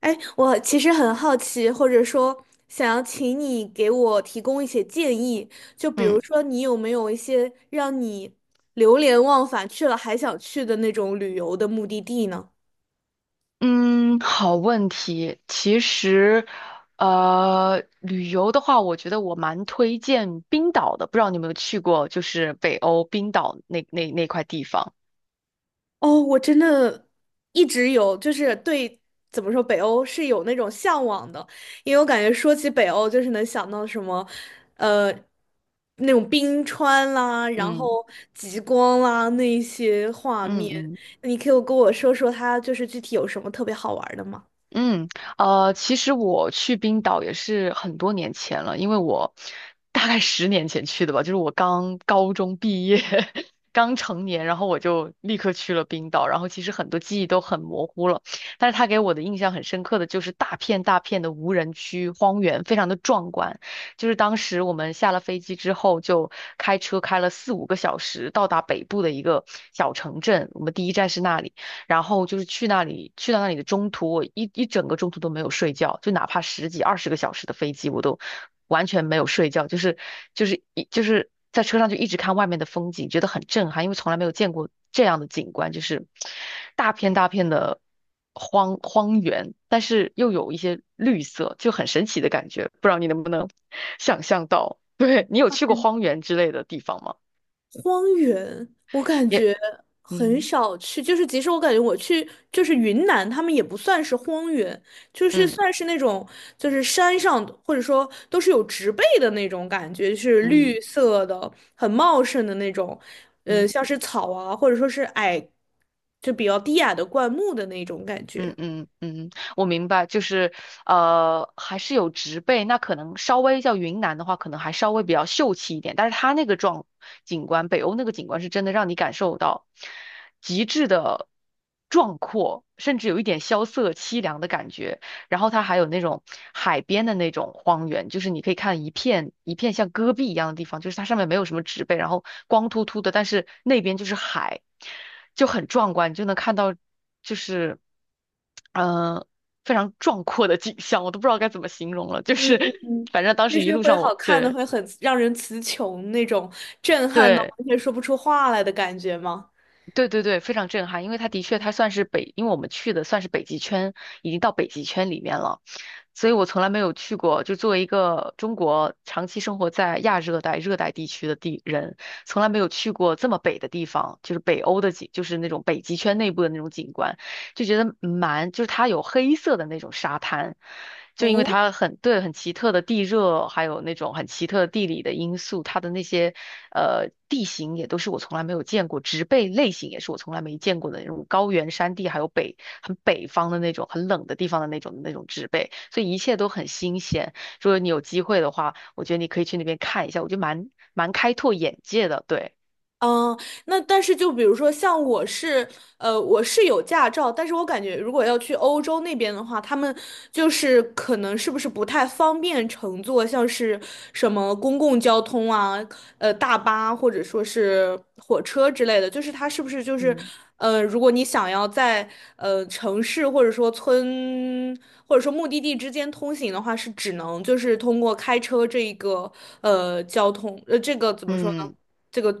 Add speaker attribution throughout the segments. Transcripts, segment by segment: Speaker 1: 哎，我其实很好奇，或者说想要请你给我提供一些建议，就比如
Speaker 2: 嗯
Speaker 1: 说你有没有一些让你流连忘返去了还想去的那种旅游的目的地呢？
Speaker 2: 嗯，好问题。其实，旅游的话，我觉得我蛮推荐冰岛的。不知道你有没有去过，就是北欧冰岛那块地方。
Speaker 1: 哦，我真的一直有，就是对，怎么说，北欧是有那种向往的，因为我感觉说起北欧，就是能想到什么，呃，那种冰川啦，然
Speaker 2: 嗯
Speaker 1: 后极光啦，那一些画
Speaker 2: 嗯
Speaker 1: 面。
Speaker 2: 嗯。
Speaker 1: 你可以跟我说说它就是具体有什么特别好玩儿的吗？
Speaker 2: 嗯，其实我去冰岛也是很多年前了，因为我大概10年前去的吧，就是我刚高中毕业，刚成年，然后我就立刻去了冰岛，然后其实很多记忆都很模糊了，但是他给我的印象很深刻的就是大片大片的无人区荒原，非常的壮观。就是当时我们下了飞机之后，就开车开了四五个小时到达北部的一个小城镇，我们第一站是那里。然后就是去那里，去到那里的中途，我整个中途都没有睡觉，就哪怕十几、20个小时的飞机，我都完全没有睡觉，就是就是一就是在车上就一直看外面的风景，觉得很震撼，因为从来没有见过这样的景观，就是大片大片的荒原，但是又有一些绿色，就很神奇的感觉，不知道你能不能 想象到？对，你有去过荒原之类的地方吗？
Speaker 1: 荒原，我感
Speaker 2: 也，
Speaker 1: 觉很
Speaker 2: 嗯
Speaker 1: 少去，就是即使我感觉我去，就是云南，他们也不算是荒原，就是
Speaker 2: 嗯
Speaker 1: 算是那种就是山上的或者说都是有植被的那种感觉，是
Speaker 2: 嗯
Speaker 1: 绿色的，很茂盛的那种，
Speaker 2: 嗯。
Speaker 1: 像是草啊，或者说是矮，就比较低矮的灌木的那种感
Speaker 2: 嗯
Speaker 1: 觉。
Speaker 2: 嗯嗯，我明白，就是还是有植被，那可能稍微叫云南的话，可能还稍微比较秀气一点，但是它那个景观，北欧那个景观是真的让你感受到极致的壮阔，甚至有一点萧瑟凄凉的感觉。然后它还有那种海边的那种荒原，就是你可以看一片一片像戈壁一样的地方，就是它上面没有什么植被，然后光秃秃的，但是那边就是海，就很壮观，你就能看到就是嗯，呃，非常壮阔的景象，我都不知道该怎么形容了，就
Speaker 1: 嗯，
Speaker 2: 是 反正当
Speaker 1: 就
Speaker 2: 时一
Speaker 1: 是
Speaker 2: 路
Speaker 1: 会
Speaker 2: 上
Speaker 1: 好
Speaker 2: 我
Speaker 1: 看的，
Speaker 2: 对。
Speaker 1: 会很让人词穷那种震撼到
Speaker 2: 对
Speaker 1: 完全说不出话来的感觉吗？
Speaker 2: 对对对，非常震撼，因为它的确它算是北，因为我们去的算是北极圈，已经到北极圈里面了，所以我从来没有去过。就作为一个中国长期生活在亚热带、热带地区的地人，从来没有去过这么北的地方，就是北欧的景，就是那种北极圈内部的那种景观。就觉得蛮，就是它有黑色的那种沙滩，就因为
Speaker 1: 哦，
Speaker 2: 它很，对，很奇特的地热，还有那种很奇特的地理的因素，它的那些地形也都是我从来没有见过，植被类型也是我从来没见过的那种高原山地，还有很北方的那种很冷的地方的那种那种植被，所以一切都很新鲜。如果你有机会的话，我觉得你可以去那边看一下，我觉得蛮开拓眼界的，对，
Speaker 1: 嗯，那但是就比如说像我是有驾照，但是我感觉如果要去欧洲那边的话，他们就是可能是不是不太方便乘坐，像是什么公共交通啊，大巴或者说是火车之类的，就是它是不是就是，
Speaker 2: 嗯，
Speaker 1: 如果你想要在城市或者说村或者说目的地之间通行的话，是只能就是通过开车这一个交通这个怎么说呢？
Speaker 2: 嗯。
Speaker 1: 这个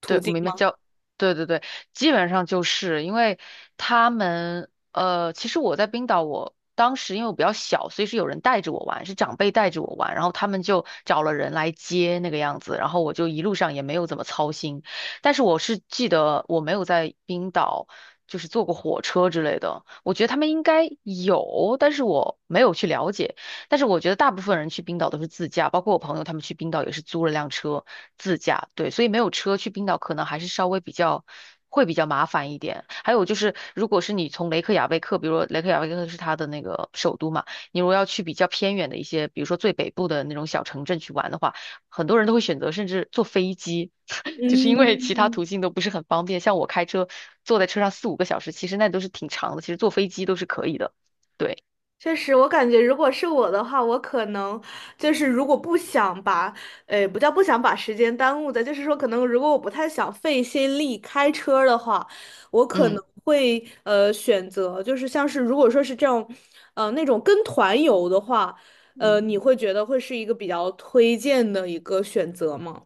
Speaker 1: 途
Speaker 2: 对，我
Speaker 1: 径
Speaker 2: 明白
Speaker 1: 吗？
Speaker 2: 叫，对对对，基本上就是因为他们，其实我在冰岛我，当时因为我比较小，所以是有人带着我玩，是长辈带着我玩，然后他们就找了人来接那个样子，然后我就一路上也没有怎么操心，但是我是记得我没有在冰岛就是坐过火车之类的，我觉得他们应该有，但是我没有去了解。但是我觉得大部分人去冰岛都是自驾，包括我朋友他们去冰岛也是租了辆车自驾，对，所以没有车去冰岛可能还是稍微比较会比较麻烦一点。还有就是，如果是你从雷克雅未克，比如说雷克雅未克是它的那个首都嘛，你如果要去比较偏远的一些，比如说最北部的那种小城镇去玩的话，很多人都会选择甚至坐飞机，就是因为其他
Speaker 1: 嗯，
Speaker 2: 途径都不是很方便。像我开车坐在车上四五个小时，其实那都是挺长的，其实坐飞机都是可以的。对，
Speaker 1: 确实，我感觉如果是我的话，我可能就是如果不想把，不叫不想把时间耽误的，就是说可能如果我不太想费心力开车的话，我可
Speaker 2: 嗯。
Speaker 1: 能会选择就是像是如果说是这种，那种跟团游的话，
Speaker 2: 嗯
Speaker 1: 你会觉得会是一个比较推荐的一个选择吗？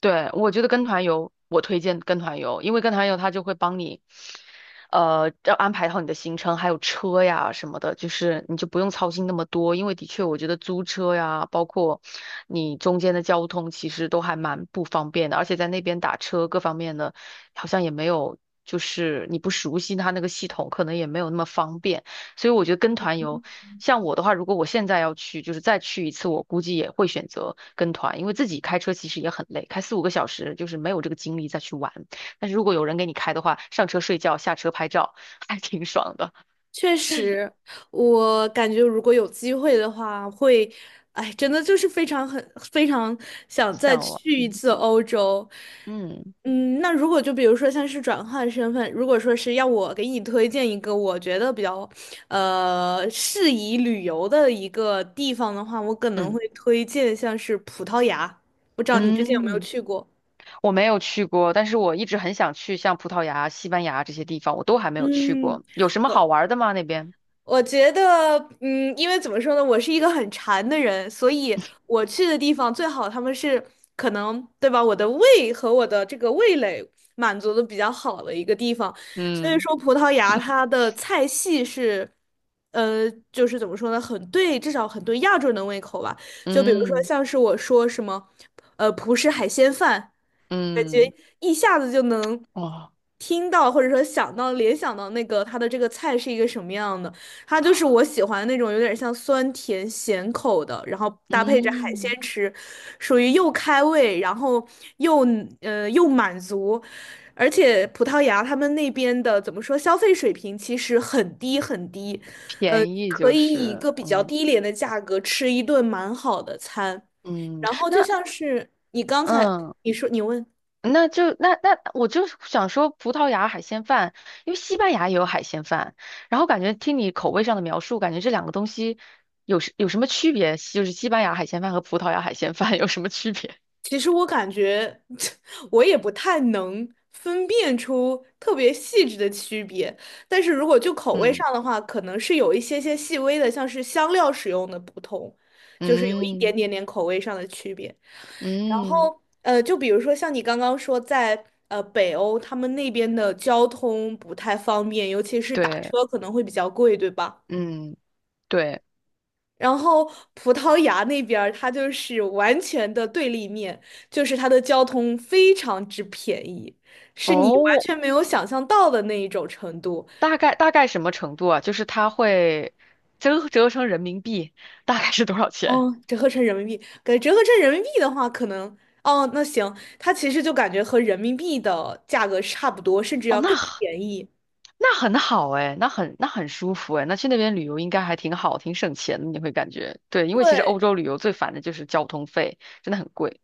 Speaker 2: 对，我觉得跟团游，我推荐跟团游，因为跟团游他就会帮你，要安排好你的行程，还有车呀什么的，就是你就不用操心那么多。因为的确，我觉得租车呀，包括你中间的交通，其实都还蛮不方便的，而且在那边打车各方面的，好像也没有，就是你不熟悉它那个系统，可能也没有那么方便。所以我觉得跟团游，像我的话，如果我现在要去，就是再去一次，我估计也会选择跟团，因为自己开车其实也很累，开四五个小时就是没有这个精力再去玩。但是如果有人给你开的话，上车睡觉，下车拍照，还挺爽的。
Speaker 1: 确实，我感觉如果有机会的话，会，哎，真的就是非常很非常想再去一
Speaker 2: 嗯
Speaker 1: 次欧洲。
Speaker 2: 嗯
Speaker 1: 嗯，那如果就比如说像是转换身份，如果说是要我给你推荐一个我觉得比较适宜旅游的一个地方的话，我可能
Speaker 2: 嗯
Speaker 1: 会推荐像是葡萄牙。不知道你之前有没有
Speaker 2: 嗯，
Speaker 1: 去过？
Speaker 2: 我没有去过，但是我一直很想去，像葡萄牙、西班牙这些地方，我都还没有去
Speaker 1: 嗯。
Speaker 2: 过。有什么好
Speaker 1: 我。
Speaker 2: 玩的吗？那边？
Speaker 1: 我觉得，因为怎么说呢，我是一个很馋的人，所以我去的地方最好他们是可能，对吧？我的胃和我的这个味蕾满足的比较好的一个地方，所以
Speaker 2: 嗯
Speaker 1: 说葡萄牙它的菜系是，就是怎么说呢，很对，至少很对亚洲人的胃口吧。就比如说
Speaker 2: 嗯
Speaker 1: 像是我说什么，葡式海鲜饭。感觉
Speaker 2: 嗯，
Speaker 1: 一下子就能
Speaker 2: 哦，
Speaker 1: 听到，或者说想到、联想到那个它的这个菜是一个什么样的。它就是我喜欢那种有点像酸甜咸口的，然后搭配着海鲜
Speaker 2: 嗯。
Speaker 1: 吃，属于又开胃，然后又又满足，而且葡萄牙他们那边的怎么说，消费水平其实很低很低，
Speaker 2: 便宜
Speaker 1: 可
Speaker 2: 就
Speaker 1: 以以一
Speaker 2: 是，
Speaker 1: 个比较
Speaker 2: 嗯
Speaker 1: 低廉的价格吃一顿蛮好的餐，
Speaker 2: 嗯
Speaker 1: 然后就像是你刚才
Speaker 2: 嗯，
Speaker 1: 你说你问。
Speaker 2: 那我就想说葡萄牙海鲜饭，因为西班牙也有海鲜饭，然后感觉听你口味上的描述，感觉这两个东西有什么区别？就是西班牙海鲜饭和葡萄牙海鲜饭有什么区别？
Speaker 1: 其实我感觉 我也不太能分辨出特别细致的区别，但是如果就 口味
Speaker 2: 嗯
Speaker 1: 上的话，可能是有一些些细微的，像是香料使用的不同，就是有一点
Speaker 2: 嗯
Speaker 1: 点点口味上的区别。然
Speaker 2: 嗯，
Speaker 1: 后就比如说像你刚刚说在，北欧他们那边的交通不太方便，尤其是打
Speaker 2: 对，
Speaker 1: 车可能会比较贵，对吧？
Speaker 2: 嗯对，
Speaker 1: 然后葡萄牙那边儿它就是完全的对立面，就是它的交通非常之便宜，是你完
Speaker 2: 哦，
Speaker 1: 全没有想象到的那一种程度。
Speaker 2: 大概什么程度啊？就是它会折成人民币大概是多少钱？
Speaker 1: 哦，折合成人民币，给折合成人民币的话，可能哦，那行，它其实就感觉和人民币的价格差不多，甚至
Speaker 2: 哦，
Speaker 1: 要更便宜。
Speaker 2: 那很好哎，那很舒服哎，那去那边旅游应该还挺好，挺省钱的，你会感觉对，因为其实欧
Speaker 1: 对，
Speaker 2: 洲旅游最烦的就是交通费，真的很贵。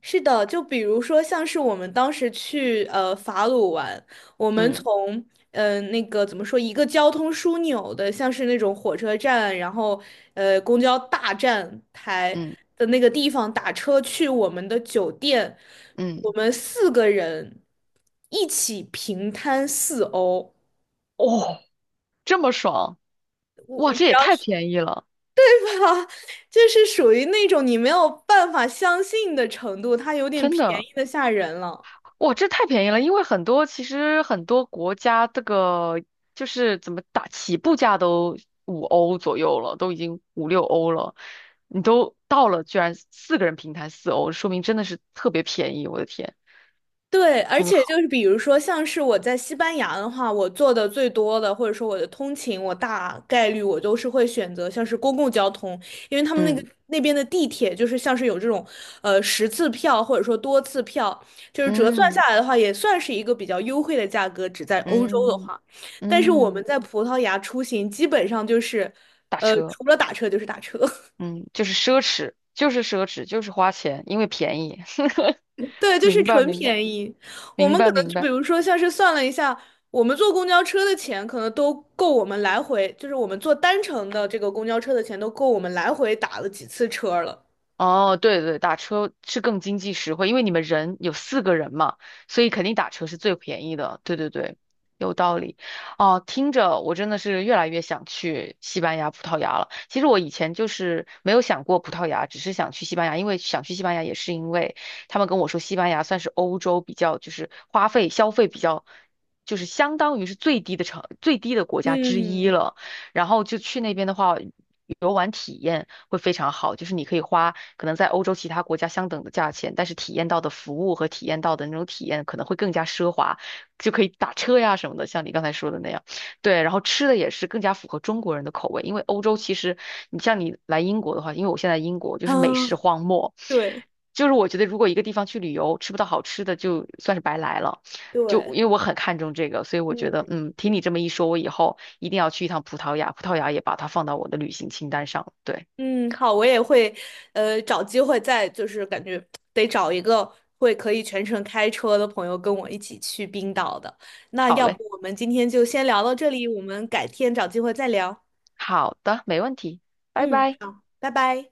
Speaker 1: 是的，就比如说像是我们当时去法鲁玩，我们
Speaker 2: 嗯
Speaker 1: 从那个怎么说一个交通枢纽的，像是那种火车站，然后公交大站台
Speaker 2: 嗯
Speaker 1: 的那个地方打车去我们的酒店，我
Speaker 2: 嗯，
Speaker 1: 们四个人一起平摊四欧。
Speaker 2: 哦，这么爽，
Speaker 1: 我
Speaker 2: 哇，
Speaker 1: 我
Speaker 2: 这
Speaker 1: 只
Speaker 2: 也
Speaker 1: 要
Speaker 2: 太
Speaker 1: 是
Speaker 2: 便宜了，
Speaker 1: 它，就是属于那种你没有办法相信的程度，它有点
Speaker 2: 真
Speaker 1: 便
Speaker 2: 的，
Speaker 1: 宜的吓人了。
Speaker 2: 哇，这太便宜了，因为很多其实很多国家这个就是怎么打起步价都5欧左右了，都已经五六欧了，你都到了，居然四个人平摊4欧，说明真的是特别便宜，我的天，
Speaker 1: 对，而
Speaker 2: 真
Speaker 1: 且
Speaker 2: 好，
Speaker 1: 就是比如说，像是我在西班牙的话，我做的最多的，或者说我的通勤，我大概率我都是会选择像是公共交通，因为他们那个
Speaker 2: 嗯。
Speaker 1: 那边的地铁就是像是有这种10次票或者说多次票，就是折算
Speaker 2: 嗯
Speaker 1: 下来的话，也算是一个比较优惠的价格，只在欧洲的
Speaker 2: 嗯
Speaker 1: 话。但是我们
Speaker 2: 嗯，
Speaker 1: 在葡萄牙出行，基本上就是
Speaker 2: 打车，
Speaker 1: 除了打车就是打车。
Speaker 2: 嗯，就是奢侈，就是奢侈，就是花钱，因为便宜。
Speaker 1: 对，就是
Speaker 2: 明白，
Speaker 1: 纯
Speaker 2: 明白，
Speaker 1: 便宜。我
Speaker 2: 明
Speaker 1: 们可
Speaker 2: 白，
Speaker 1: 能
Speaker 2: 明
Speaker 1: 就比
Speaker 2: 白。
Speaker 1: 如说，像是算了一下，我们坐公交车的钱可能都够我们来回，就是我们坐单程的这个公交车的钱都够我们来回打了几次车了。
Speaker 2: 哦，对对对，打车是更经济实惠，因为你们人有四个人嘛，所以肯定打车是最便宜的。对对对，有道理。哦，听着我真的是越来越想去西班牙、葡萄牙了。其实我以前就是没有想过葡萄牙，只是想去西班牙，因为想去西班牙也是因为他们跟我说西班牙算是欧洲比较就是花费消费比较。就是相当于是最低的国家之一
Speaker 1: 嗯，
Speaker 2: 了，然后就去那边的话。游玩体验会非常好，就是你可以花可能在欧洲其他国家相等的价钱，但是体验到的服务和体验到的那种体验可能会更加奢华，就可以打车呀什么的，像你刚才说的那样。对，然后吃的也是更加符合中国人的口味，因为欧洲其实你像你来英国的话，因为我现在英国就
Speaker 1: 啊，
Speaker 2: 是美食荒漠，
Speaker 1: 对
Speaker 2: 就是我觉得如果一个地方去旅游吃不到好吃的，就算是白来了。就
Speaker 1: 对，
Speaker 2: 因为我很看重这个，所以我觉
Speaker 1: 嗯
Speaker 2: 得，嗯，听你这么一说，我以后一定要去一趟葡萄牙，葡萄牙也把它放到我的旅行清单上了。对，
Speaker 1: 嗯，好，我也会，找机会再就是感觉得找一个会可以全程开车的朋友跟我一起去冰岛的。那
Speaker 2: 好
Speaker 1: 要不
Speaker 2: 嘞，
Speaker 1: 我们今天就先聊到这里，我们改天找机会再聊。
Speaker 2: 好的，没问题，拜
Speaker 1: 嗯，
Speaker 2: 拜。
Speaker 1: 好，拜拜。